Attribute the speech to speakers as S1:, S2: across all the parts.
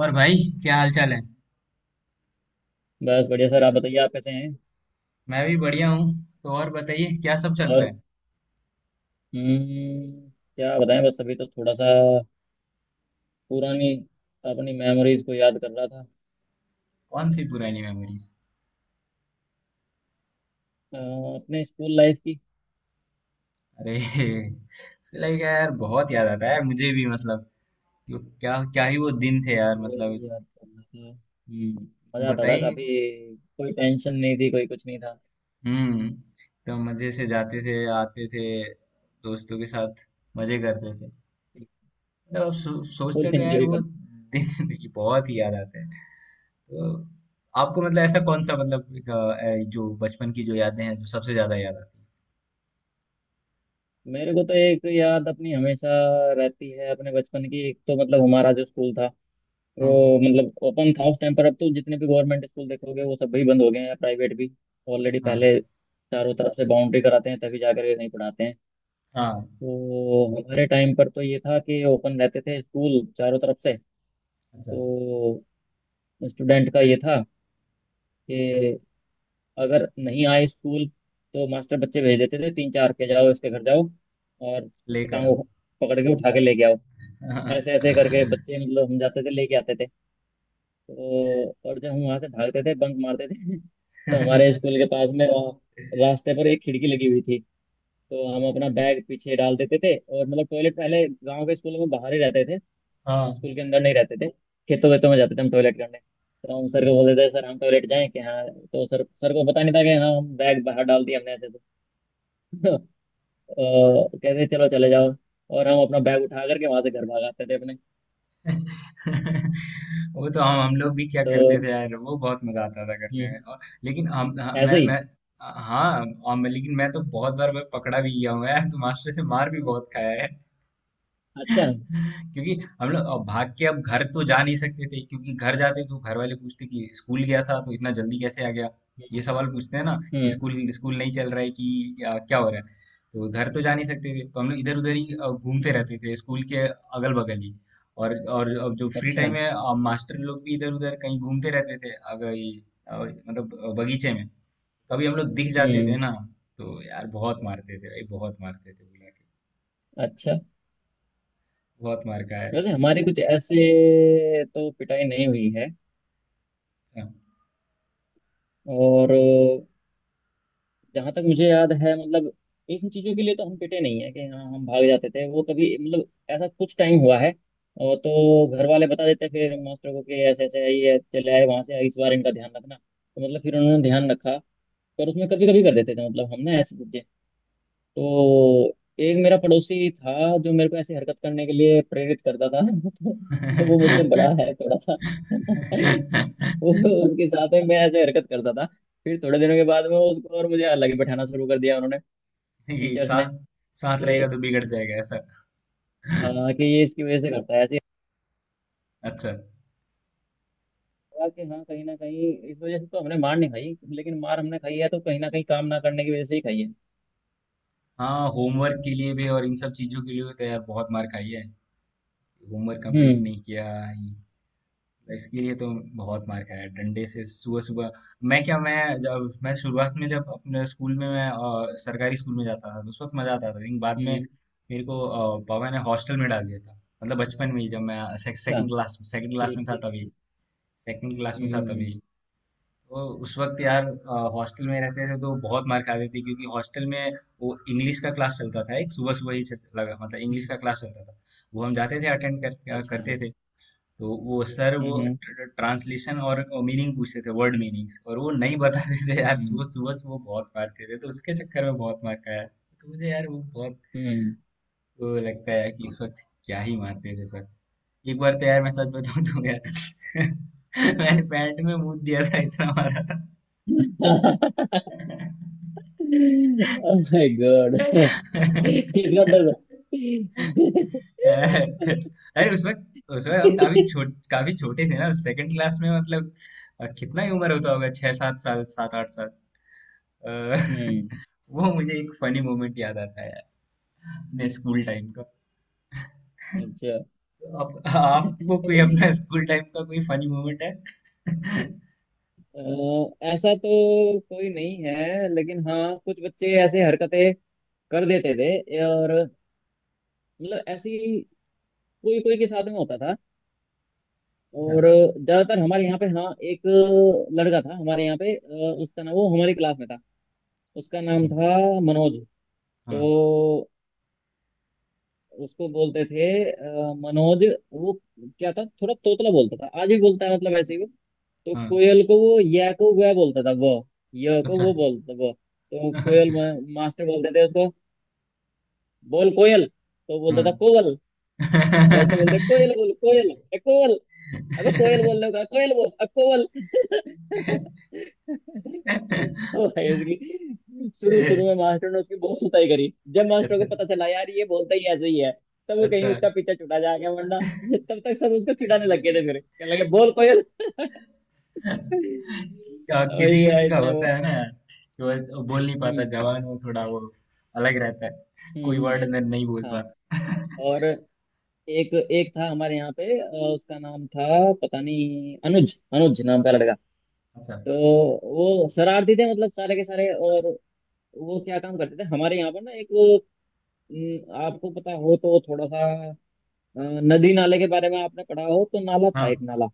S1: और भाई, क्या हाल चाल है।
S2: बस बढ़िया सर। आप बताइए, आप कैसे हैं?
S1: मैं भी बढ़िया हूँ। तो और बताइए, क्या सब चल रहा
S2: और
S1: है।
S2: हम्म, क्या बताएं, बस अभी तो थोड़ा सा पुरानी अपनी मेमोरीज को याद कर रहा था।
S1: कौन सी पुरानी मेमोरीज।
S2: अ, अपने स्कूल लाइफ की।
S1: अरे उसके लगे क्या यार, बहुत याद आता है यार, मुझे भी, मतलब क्या क्या ही वो दिन थे
S2: बस
S1: यार, मतलब।
S2: वही याद कर रहा था। मजा आता था
S1: बताइए।
S2: काफी, कोई टेंशन नहीं थी, कोई कुछ नहीं था।
S1: हम्म। तो मजे से जाते थे, आते थे, दोस्तों के साथ मजे करते थे। मतलब अब सोचते
S2: फुल
S1: थे यार,
S2: एंजॉय
S1: वो
S2: करते।
S1: दिन ये बहुत ही याद आते हैं। तो आपको मतलब ऐसा कौन सा, मतलब एक, जो बचपन की जो यादें हैं, जो सबसे ज्यादा याद आती
S2: मेरे को तो एक याद अपनी हमेशा रहती है अपने बचपन की। एक तो मतलब हमारा जो स्कूल था
S1: है।
S2: वो
S1: हाँ।
S2: मतलब ओपन था उस टाइम पर। अब तो जितने भी गवर्नमेंट स्कूल देखोगे वो सब भी बंद हो गए हैं या प्राइवेट भी ऑलरेडी
S1: हाँ,
S2: पहले चारों तरफ से बाउंड्री कराते हैं तभी जाकर के, नहीं पढ़ाते हैं।
S1: हाँ,
S2: तो हमारे टाइम पर तो ये था कि ओपन रहते थे स्कूल चारों तरफ से।
S1: अच्छा,
S2: तो स्टूडेंट का ये था कि अगर नहीं आए स्कूल तो मास्टर बच्चे भेज देते थे तीन चार के, जाओ इसके घर जाओ और उसके
S1: लेकर आओ।
S2: टांगों को पकड़ के उठा के लेके आओ। ऐसे ऐसे करके बच्चे मतलब हम जाते थे लेके आते थे। तो और जब हम वहां से भागते थे बंक मारते थे तो हमारे स्कूल के पास में रास्ते पर एक खिड़की लगी हुई थी। तो हम अपना बैग पीछे डाल देते थे, और मतलब टॉयलेट पहले गांव के स्कूलों में बाहर ही रहते थे,
S1: हाँ।
S2: स्कूल के अंदर नहीं रहते थे। खेतों वेतों में जाते थे हम टॉयलेट करने। तो हम सर को बोलते थे सर हम टॉयलेट जाएं कि हाँ, तो सर सर को पता नहीं था कि हाँ, हम बैग बाहर डाल दिया हमने ऐसे। तो कहते चलो चले जाओ। और हम अपना बैग उठा करके वहां से घर भाग आते थे अपने।
S1: वो तो हम लोग भी क्या
S2: तो
S1: करते थे यार, वो बहुत मजा आता था करने
S2: हम्म
S1: में। और लेकिन हम, हाँ,
S2: ऐसे
S1: मैं,
S2: ही।
S1: हाँ। और मैं, लेकिन मैं तो बहुत बार मैं पकड़ा भी गया हूँ यार, तो मास्टर से मार भी बहुत खाया।
S2: अच्छा।
S1: क्योंकि हम लोग अब भाग के अब घर तो जा नहीं सकते थे, क्योंकि घर जाते तो घर वाले पूछते कि स्कूल गया था तो इतना जल्दी कैसे आ गया। ये
S2: हम्म
S1: सवाल पूछते हैं ना कि
S2: हम्म
S1: स्कूल स्कूल नहीं चल रहा है कि क्या हो रहा है। तो घर तो जा नहीं सकते थे, तो हम लोग इधर उधर ही घूमते
S2: हम्म।
S1: रहते थे स्कूल के अगल बगल ही। और अब जो फ्री
S2: अच्छा।
S1: टाइम है, मास्टर लोग भी इधर उधर कहीं घूमते रहते थे, अगर ये, मतलब बगीचे में कभी हम लोग दिख जाते थे
S2: हम्म।
S1: ना, तो यार बहुत मारते थे भाई, बहुत मारते थे बुला के।
S2: अच्छा।
S1: बहुत मार खाया
S2: वैसे हमारी कुछ ऐसे तो पिटाई नहीं हुई है।
S1: है।
S2: और जहाँ तक मुझे याद है, मतलब इन चीज़ों के लिए तो हम पिटे नहीं है, कि हाँ हम भाग जाते थे वो, कभी मतलब ऐसा कुछ टाइम हुआ है। और तो घर वाले बता देते फिर मास्टर को कि ऐसे ऐसे है, ये चले आए वहाँ से, इस बार इनका ध्यान रखना, तो मतलब फिर उन्होंने ध्यान रखा। पर उसमें कभी कभी कर देते थे मतलब हमने ऐसे। तो एक मेरा पड़ोसी था जो मेरे को ऐसी हरकत करने के लिए प्रेरित करता था तो वो मुझसे बड़ा है थोड़ा सा वो, उसके साथ में मैं ऐसे हरकत करता था। फिर थोड़े दिनों के बाद में उसको और मुझे अलग ही बैठाना शुरू कर दिया उन्होंने,
S1: ये
S2: टीचर्स
S1: साथ
S2: ने।
S1: साथ रहेगा
S2: ये,
S1: तो बिगड़ जाएगा, ऐसा।
S2: हाँ कि ये इसकी वजह से करता है ऐसे
S1: अच्छा।
S2: लगा, कि हाँ कहीं ना कहीं इस वजह से तो हमने मार नहीं खाई, लेकिन मार हमने खाई है तो कहीं ना कहीं काम ना करने की वजह से ही खाई है।
S1: हाँ, होमवर्क के लिए भी और इन सब चीजों के लिए भी तो यार बहुत मार खाई है। होमवर्क कंप्लीट
S2: हम्म
S1: नहीं किया, इसके लिए तो बहुत मार खाया है। डंडे से सुबह सुबह। मैं, जब मैं शुरुआत में, जब अपने स्कूल में मैं सरकारी स्कूल में जाता था, तो उस वक्त मजा आता था, लेकिन बाद में
S2: हम्म।
S1: मेरे को पापा ने हॉस्टल में डाल दिया था। मतलब बचपन में ही जब मैं
S2: अच्छा।
S1: सेकंड क्लास
S2: ठीक
S1: में था
S2: ठीक
S1: तब,
S2: ठीक।
S1: सेकंड क्लास में था तभी।
S2: हम्म।
S1: तो उस वक्त यार, हॉस्टल में रहते थे तो बहुत मार खाते थे, क्योंकि हॉस्टल में वो इंग्लिश का क्लास चलता था, एक सुबह सुबह ही लगा, मतलब इंग्लिश
S2: हम्म,
S1: का क्लास चलता था। वो हम जाते थे अटेंड कर,
S2: अच्छा।
S1: करते थे। तो वो सर, वो
S2: हम्म
S1: ट्रांसलेशन और मीनिंग पूछते थे, वर्ड मीनिंग्स, और वो नहीं बताते थे यार,
S2: हम्म।
S1: सुबह सुबह से वो बहुत मारते थे, तो उसके चक्कर में बहुत मार खाया, तो मुझे यार वो बहुत,
S2: Hmm.
S1: वो लगता है कि उस वक्त क्या ही मारते थे सर। एक बार तो यार, मैं सच बताऊं तो यार, मैंने पैंट में मूत दिया था, इतना मारा था।
S2: Oh my God. He's not the
S1: अरे उस वक्त हम काफी छोटे थे ना, सेकंड क्लास में मतलब। कितना ही उम्र होता होगा, छह सात साल, सात आठ साल। अ,
S2: हम्म।
S1: वो मुझे एक फनी मोमेंट याद आता है यार, अपने स्कूल टाइम का।
S2: अच्छा।
S1: आपको कोई अपना स्कूल टाइम का कोई फनी मोमेंट है?
S2: अ, ऐसा तो कोई नहीं है, लेकिन हाँ कुछ बच्चे ऐसे हरकतें कर देते थे और मतलब ऐसी कोई कोई के साथ में होता था।
S1: अच्छा।
S2: और ज्यादातर हमारे यहाँ पे, हाँ एक लड़का था हमारे यहाँ पे, उसका नाम, वो हमारी क्लास में था, उसका नाम
S1: अच्छा।
S2: था मनोज।
S1: हाँ।
S2: तो उसको बोलते थे, मनोज वो क्या था, थोड़ा तोतला बोलता था, आज भी बोलता है मतलब ऐसे ही वो। तो
S1: हाँ।
S2: कोयल को वो या को वह बोलता था वो, य को
S1: अच्छा।
S2: वो बोलता था वो। तो कोयल मास्टर बोलते थे उसको बोल कोयल, तो बोलता था
S1: हाँ।
S2: कोवल। तो मास्टर बोलते कोयल बोल कोयल ए कोवल, अबे कोयल बोलने का, कोयल बोल अब, कोयल ओ भाई, उसकी शुरू
S1: ए,
S2: शुरू में मास्टर ने उसकी बहुत सुताई करी, जब मास्टर को
S1: अच्छा।
S2: पता चला यार ये बोलता ही ऐसे ही है तब वो कहीं
S1: अच्छा।
S2: उसका पीछा छुटा जा गया, वरना तब तक सब उसको चिढ़ाने लग गए थे, फिर कहने लगे बोल कोयल
S1: किसी
S2: वही
S1: किसी
S2: है
S1: का
S2: इतने वो।
S1: होता है ना, कि वो बोल नहीं पाता,
S2: हम्म
S1: जवान वो थोड़ा वो अलग रहता है,
S2: हम्म
S1: कोई
S2: हम्म,
S1: वर्ड नहीं बोल
S2: हाँ।
S1: पाता।
S2: और एक एक था हमारे यहाँ पे, उसका नाम था पता नहीं अनुज, अनुज नाम का लड़का।
S1: अच्छा।
S2: तो वो शरारती थे मतलब सारे के सारे, और वो क्या काम करते थे हमारे यहाँ पर ना एक वो, न, आपको पता हो तो थोड़ा सा, अ, नदी नाले के बारे में आपने पढ़ा हो तो, नाला था
S1: हाँ
S2: एक, नाला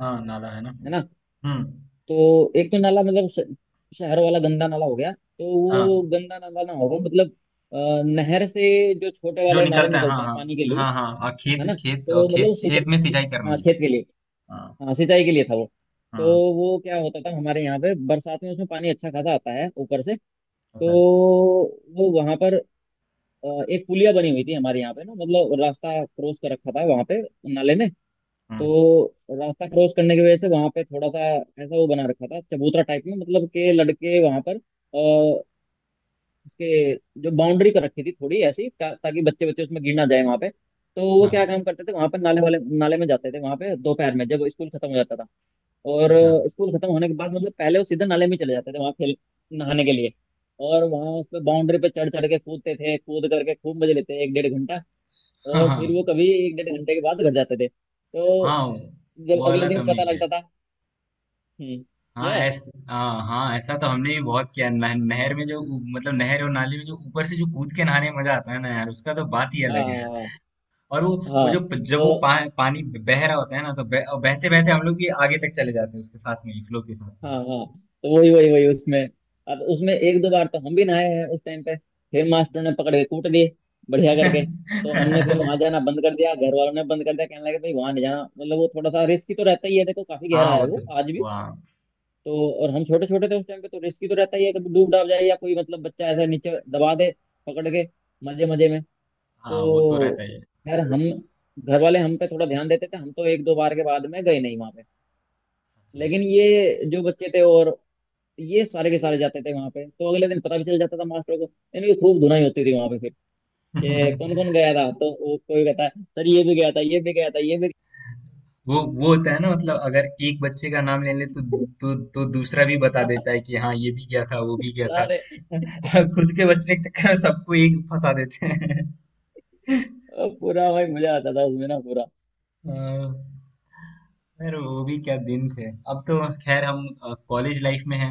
S1: हाँ, नाला है ना।
S2: है ना।
S1: हम्म।
S2: तो एक तो नाला मतलब शहर वाला गंदा नाला हो गया, तो
S1: हाँ,
S2: वो गंदा नाला ना होगा, मतलब नहर से जो छोटे
S1: जो
S2: वाले नाले
S1: निकलता है।
S2: निकलते
S1: हाँ
S2: हैं पानी के
S1: हाँ।
S2: लिए
S1: हाँ हाँ,
S2: है
S1: खेत
S2: ना।
S1: खेत,
S2: तो मतलब
S1: खेत खेत में
S2: सिंचाई,
S1: सिंचाई करने
S2: हाँ
S1: के लिए।
S2: खेत के लिए,
S1: हाँ
S2: हाँ सिंचाई के लिए था वो। तो
S1: हाँ।
S2: वो क्या होता था हमारे यहाँ पे बरसात में, उसमें पानी अच्छा खासा आता है ऊपर से। तो
S1: अच्छा।
S2: वो वहां पर अ, एक पुलिया बनी हुई थी हमारे यहाँ पे ना, मतलब रास्ता क्रॉस कर रखा था वहां पे नाले ने।
S1: हाँ।
S2: तो रास्ता क्रॉस करने की वजह से वहां पे थोड़ा सा ऐसा वो बना रखा था चबूतरा टाइप में, मतलब के लड़के वहां पर अः उसके जो बाउंड्री कर रखी थी थोड़ी ऐसी ताकि बच्चे बच्चे उसमें गिर ना जाए वहां पे। तो वो
S1: अच्छा।
S2: क्या काम करते थे, वहां पर नाले वाले, नाले में जाते थे वहां पे दोपहर में जब स्कूल खत्म हो जाता था, और
S1: अच्छा।
S2: स्कूल खत्म होने के बाद मतलब पहले वो सीधा नाले में चले जाते थे वहां खेल, नहाने के लिए। और वहां उस पे बाउंड्री पे चढ़ चढ़ के कूदते थे, कूद करके खूब मजे लेते एक डेढ़ घंटा।
S1: हाँ
S2: और
S1: हाँ
S2: फिर वो कभी एक डेढ़ घंटे के बाद घर जाते थे।
S1: हाँ,
S2: तो जब
S1: वो
S2: अगले
S1: वाला तो
S2: दिन
S1: हमने
S2: पता
S1: किया है।
S2: लगता था। हम्म,
S1: हाँ,
S2: क्या है।
S1: ऐसा। हाँ हाँ, ऐसा तो हमने भी बहुत किया है। नहर में जो मतलब नहर और नाली में जो ऊपर से जो कूद के नहाने में मजा आता है ना यार, उसका तो बात ही
S2: हाँ
S1: अलग है यार।
S2: हाँ हाँ।
S1: और वो
S2: हाँ,
S1: वो
S2: हाँ।"
S1: जो जब वो
S2: तो,
S1: पानी बह रहा होता है ना, तो बहते बहते हम लोग भी आगे तक चले जाते हैं उसके साथ में, फ्लो के साथ
S2: हाँ
S1: में।
S2: हाँ, तो वही वही वही उसमें, अब उसमें एक दो बार तो हम भी नहाए हैं उस टाइम पे। फिर मास्टर ने पकड़ के कूट दिए बढ़िया करके। तो हमने फिर वहां जाना बंद कर दिया, घर वालों ने बंद कर दिया, कहने लगे भाई वहां नहीं जाना, मतलब वो थोड़ा सा रिस्की तो रहता ही है, देखो काफी गहरा
S1: हाँ, वो
S2: है
S1: तो
S2: वो आज भी।
S1: वाह।
S2: तो और हम छोटे छोटे थे उस टाइम पे, तो रिस्की तो रहता ही है, कभी डूब डाब जाए, या कोई मतलब बच्चा ऐसा नीचे दबा दे पकड़ के, मजे मजे में।
S1: हाँ, वो तो
S2: तो
S1: रहता है।
S2: खैर हम, घर वाले हम पे थोड़ा ध्यान देते थे, हम तो एक दो बार के बाद में गए नहीं वहां पे। लेकिन ये जो बच्चे थे, और ये सारे के सारे जाते थे वहां पे, तो अगले दिन पता भी चल जाता था मास्टरों को, इनकी खूब धुनाई होती थी वहां पे फिर, कि कौन कौन गया था, तो वो कोई कहता है सर ये भी गया था, ये भी गया था, ये भी
S1: वो होता है ना, मतलब अगर एक बच्चे का नाम ले ले, तो
S2: गया
S1: तो दूसरा भी बता
S2: था।"
S1: देता है कि हाँ, ये भी किया था, वो भी किया था।
S2: सारे,
S1: खुद के बचने के चक्कर में सबको एक फंसा देते हैं।
S2: पूरा भाई मजा आता था उसमें ना, पूरा।
S1: अ, यार वो भी क्या दिन थे। अब तो खैर, हम कॉलेज लाइफ में हैं।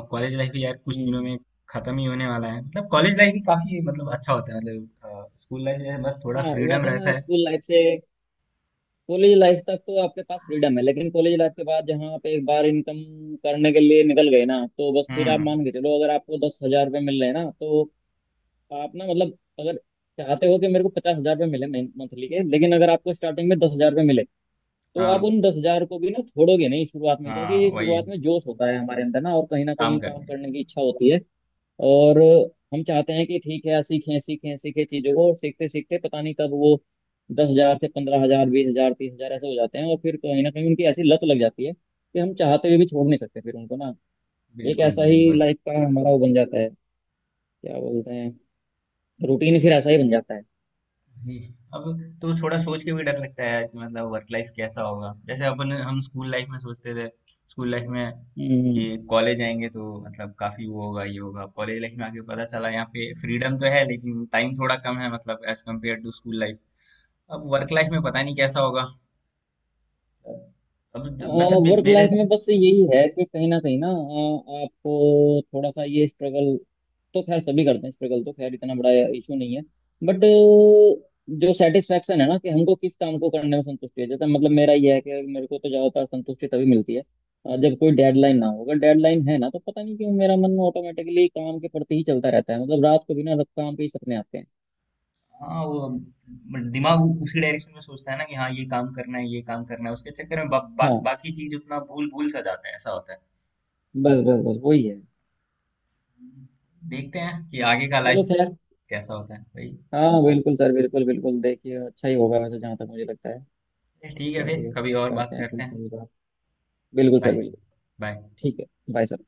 S1: अब कॉलेज लाइफ भी यार कुछ दिनों
S2: हम्म।
S1: में खत्म ही होने वाला है। मतलब कॉलेज लाइफ भी काफी, मतलब अच्छा होता है, मतलब स्कूल लाइफ में बस थोड़ा
S2: हाँ
S1: फ्रीडम
S2: वैसे
S1: रहता
S2: ना,
S1: है।
S2: स्कूल लाइफ से कॉलेज लाइफ तक तो आपके पास फ्रीडम है, लेकिन कॉलेज लाइफ के बाद जहाँ आप एक बार इनकम करने के लिए निकल गए ना, तो बस फिर आप
S1: हम्म।
S2: मान के चलो अगर आपको 10,000 रुपये मिल रहे हैं ना, तो आप ना, मतलब अगर चाहते हो कि मेरे को 50,000 रुपये मिले मंथली के, लेकिन अगर आपको स्टार्टिंग में 10,000 रुपये मिले तो आप
S1: हाँ
S2: उन 10,000 को भी ना छोड़ोगे नहीं शुरुआत में, क्योंकि
S1: हाँ, वही
S2: शुरुआत में जोश होता है हमारे अंदर ना, और कहीं ना
S1: काम
S2: कहीं काम
S1: करना।
S2: करने की इच्छा होती है। और हम चाहते हैं कि ठीक है सीखें सीखें सीखें चीजों को, और सीखते सीखते पता नहीं कब वो 10,000 से 15,000, 20,000, 30,000 ऐसे हो जाते हैं, और फिर कहीं ना कहीं उनकी ऐसी लत लग जाती है कि हम चाहते हुए भी छोड़ नहीं सकते फिर उनको ना। एक
S1: बिल्कुल,
S2: ऐसा ही
S1: बिल्कुल।
S2: लाइफ का हमारा वो बन जाता है, क्या बोलते हैं, रूटीन, फिर ऐसा ही बन जाता है।
S1: ही। अब तो थोड़ा सोच के भी डर लगता है यार, कि मतलब वर्क लाइफ कैसा होगा? जैसे अपन, हम स्कूल लाइफ में सोचते थे, स्कूल लाइफ में
S2: हम्म।
S1: कि कॉलेज आएँगे तो मतलब काफ़ी वो होगा, ये होगा। कॉलेज लाइफ में आके पता चला, यहाँ पे फ्रीडम तो है, लेकिन टाइम थोड़ा कम है, मतलब as compare to school life. अब वर्क लाइफ में पता नहीं कैसा होगा? अब द मतलब मे
S2: वर्क
S1: मेरे,
S2: लाइफ में बस यही है कि कहीं ना कहीं ना, आपको थोड़ा सा ये स्ट्रगल, तो खैर सभी करते हैं स्ट्रगल, तो खैर इतना बड़ा इशू नहीं है, बट जो सेटिस्फेक्शन है ना, कि हमको किस काम को करने में संतुष्टि है, जैसे मतलब मेरा ये है कि मेरे को तो ज्यादातर संतुष्टि तभी मिलती है, जब कोई डेडलाइन ना हो। अगर डेडलाइन है ना तो पता नहीं क्यों मेरा मन ऑटोमेटिकली काम के प्रति ही चलता रहता है, मतलब रात को बिना काम के ही सपने आते हैं।
S1: हाँ, वो दिमाग उसी डायरेक्शन में सोचता है ना कि हाँ, ये काम करना है, ये काम करना है। उसके चक्कर में ब बा
S2: हाँ,
S1: बाकी चीज़ अपना भूल-भूल सा जाता है, ऐसा होता है।
S2: बस बस बस वही है।
S1: देखते हैं कि आगे का
S2: चलो
S1: लाइफ
S2: खैर।
S1: कैसा होता है भाई।
S2: हाँ बिल्कुल सर, बिल्कुल बिल्कुल, देखिए अच्छा ही होगा वैसे, जहाँ तक मुझे लगता है।
S1: ठीक है, फिर
S2: चलिए
S1: कभी और बात
S2: करते हैं फिर
S1: करते हैं।
S2: कभी बात। बिल्कुल सर,
S1: बाय।
S2: बिल्कुल।
S1: बाय।
S2: ठीक है। Bye sir.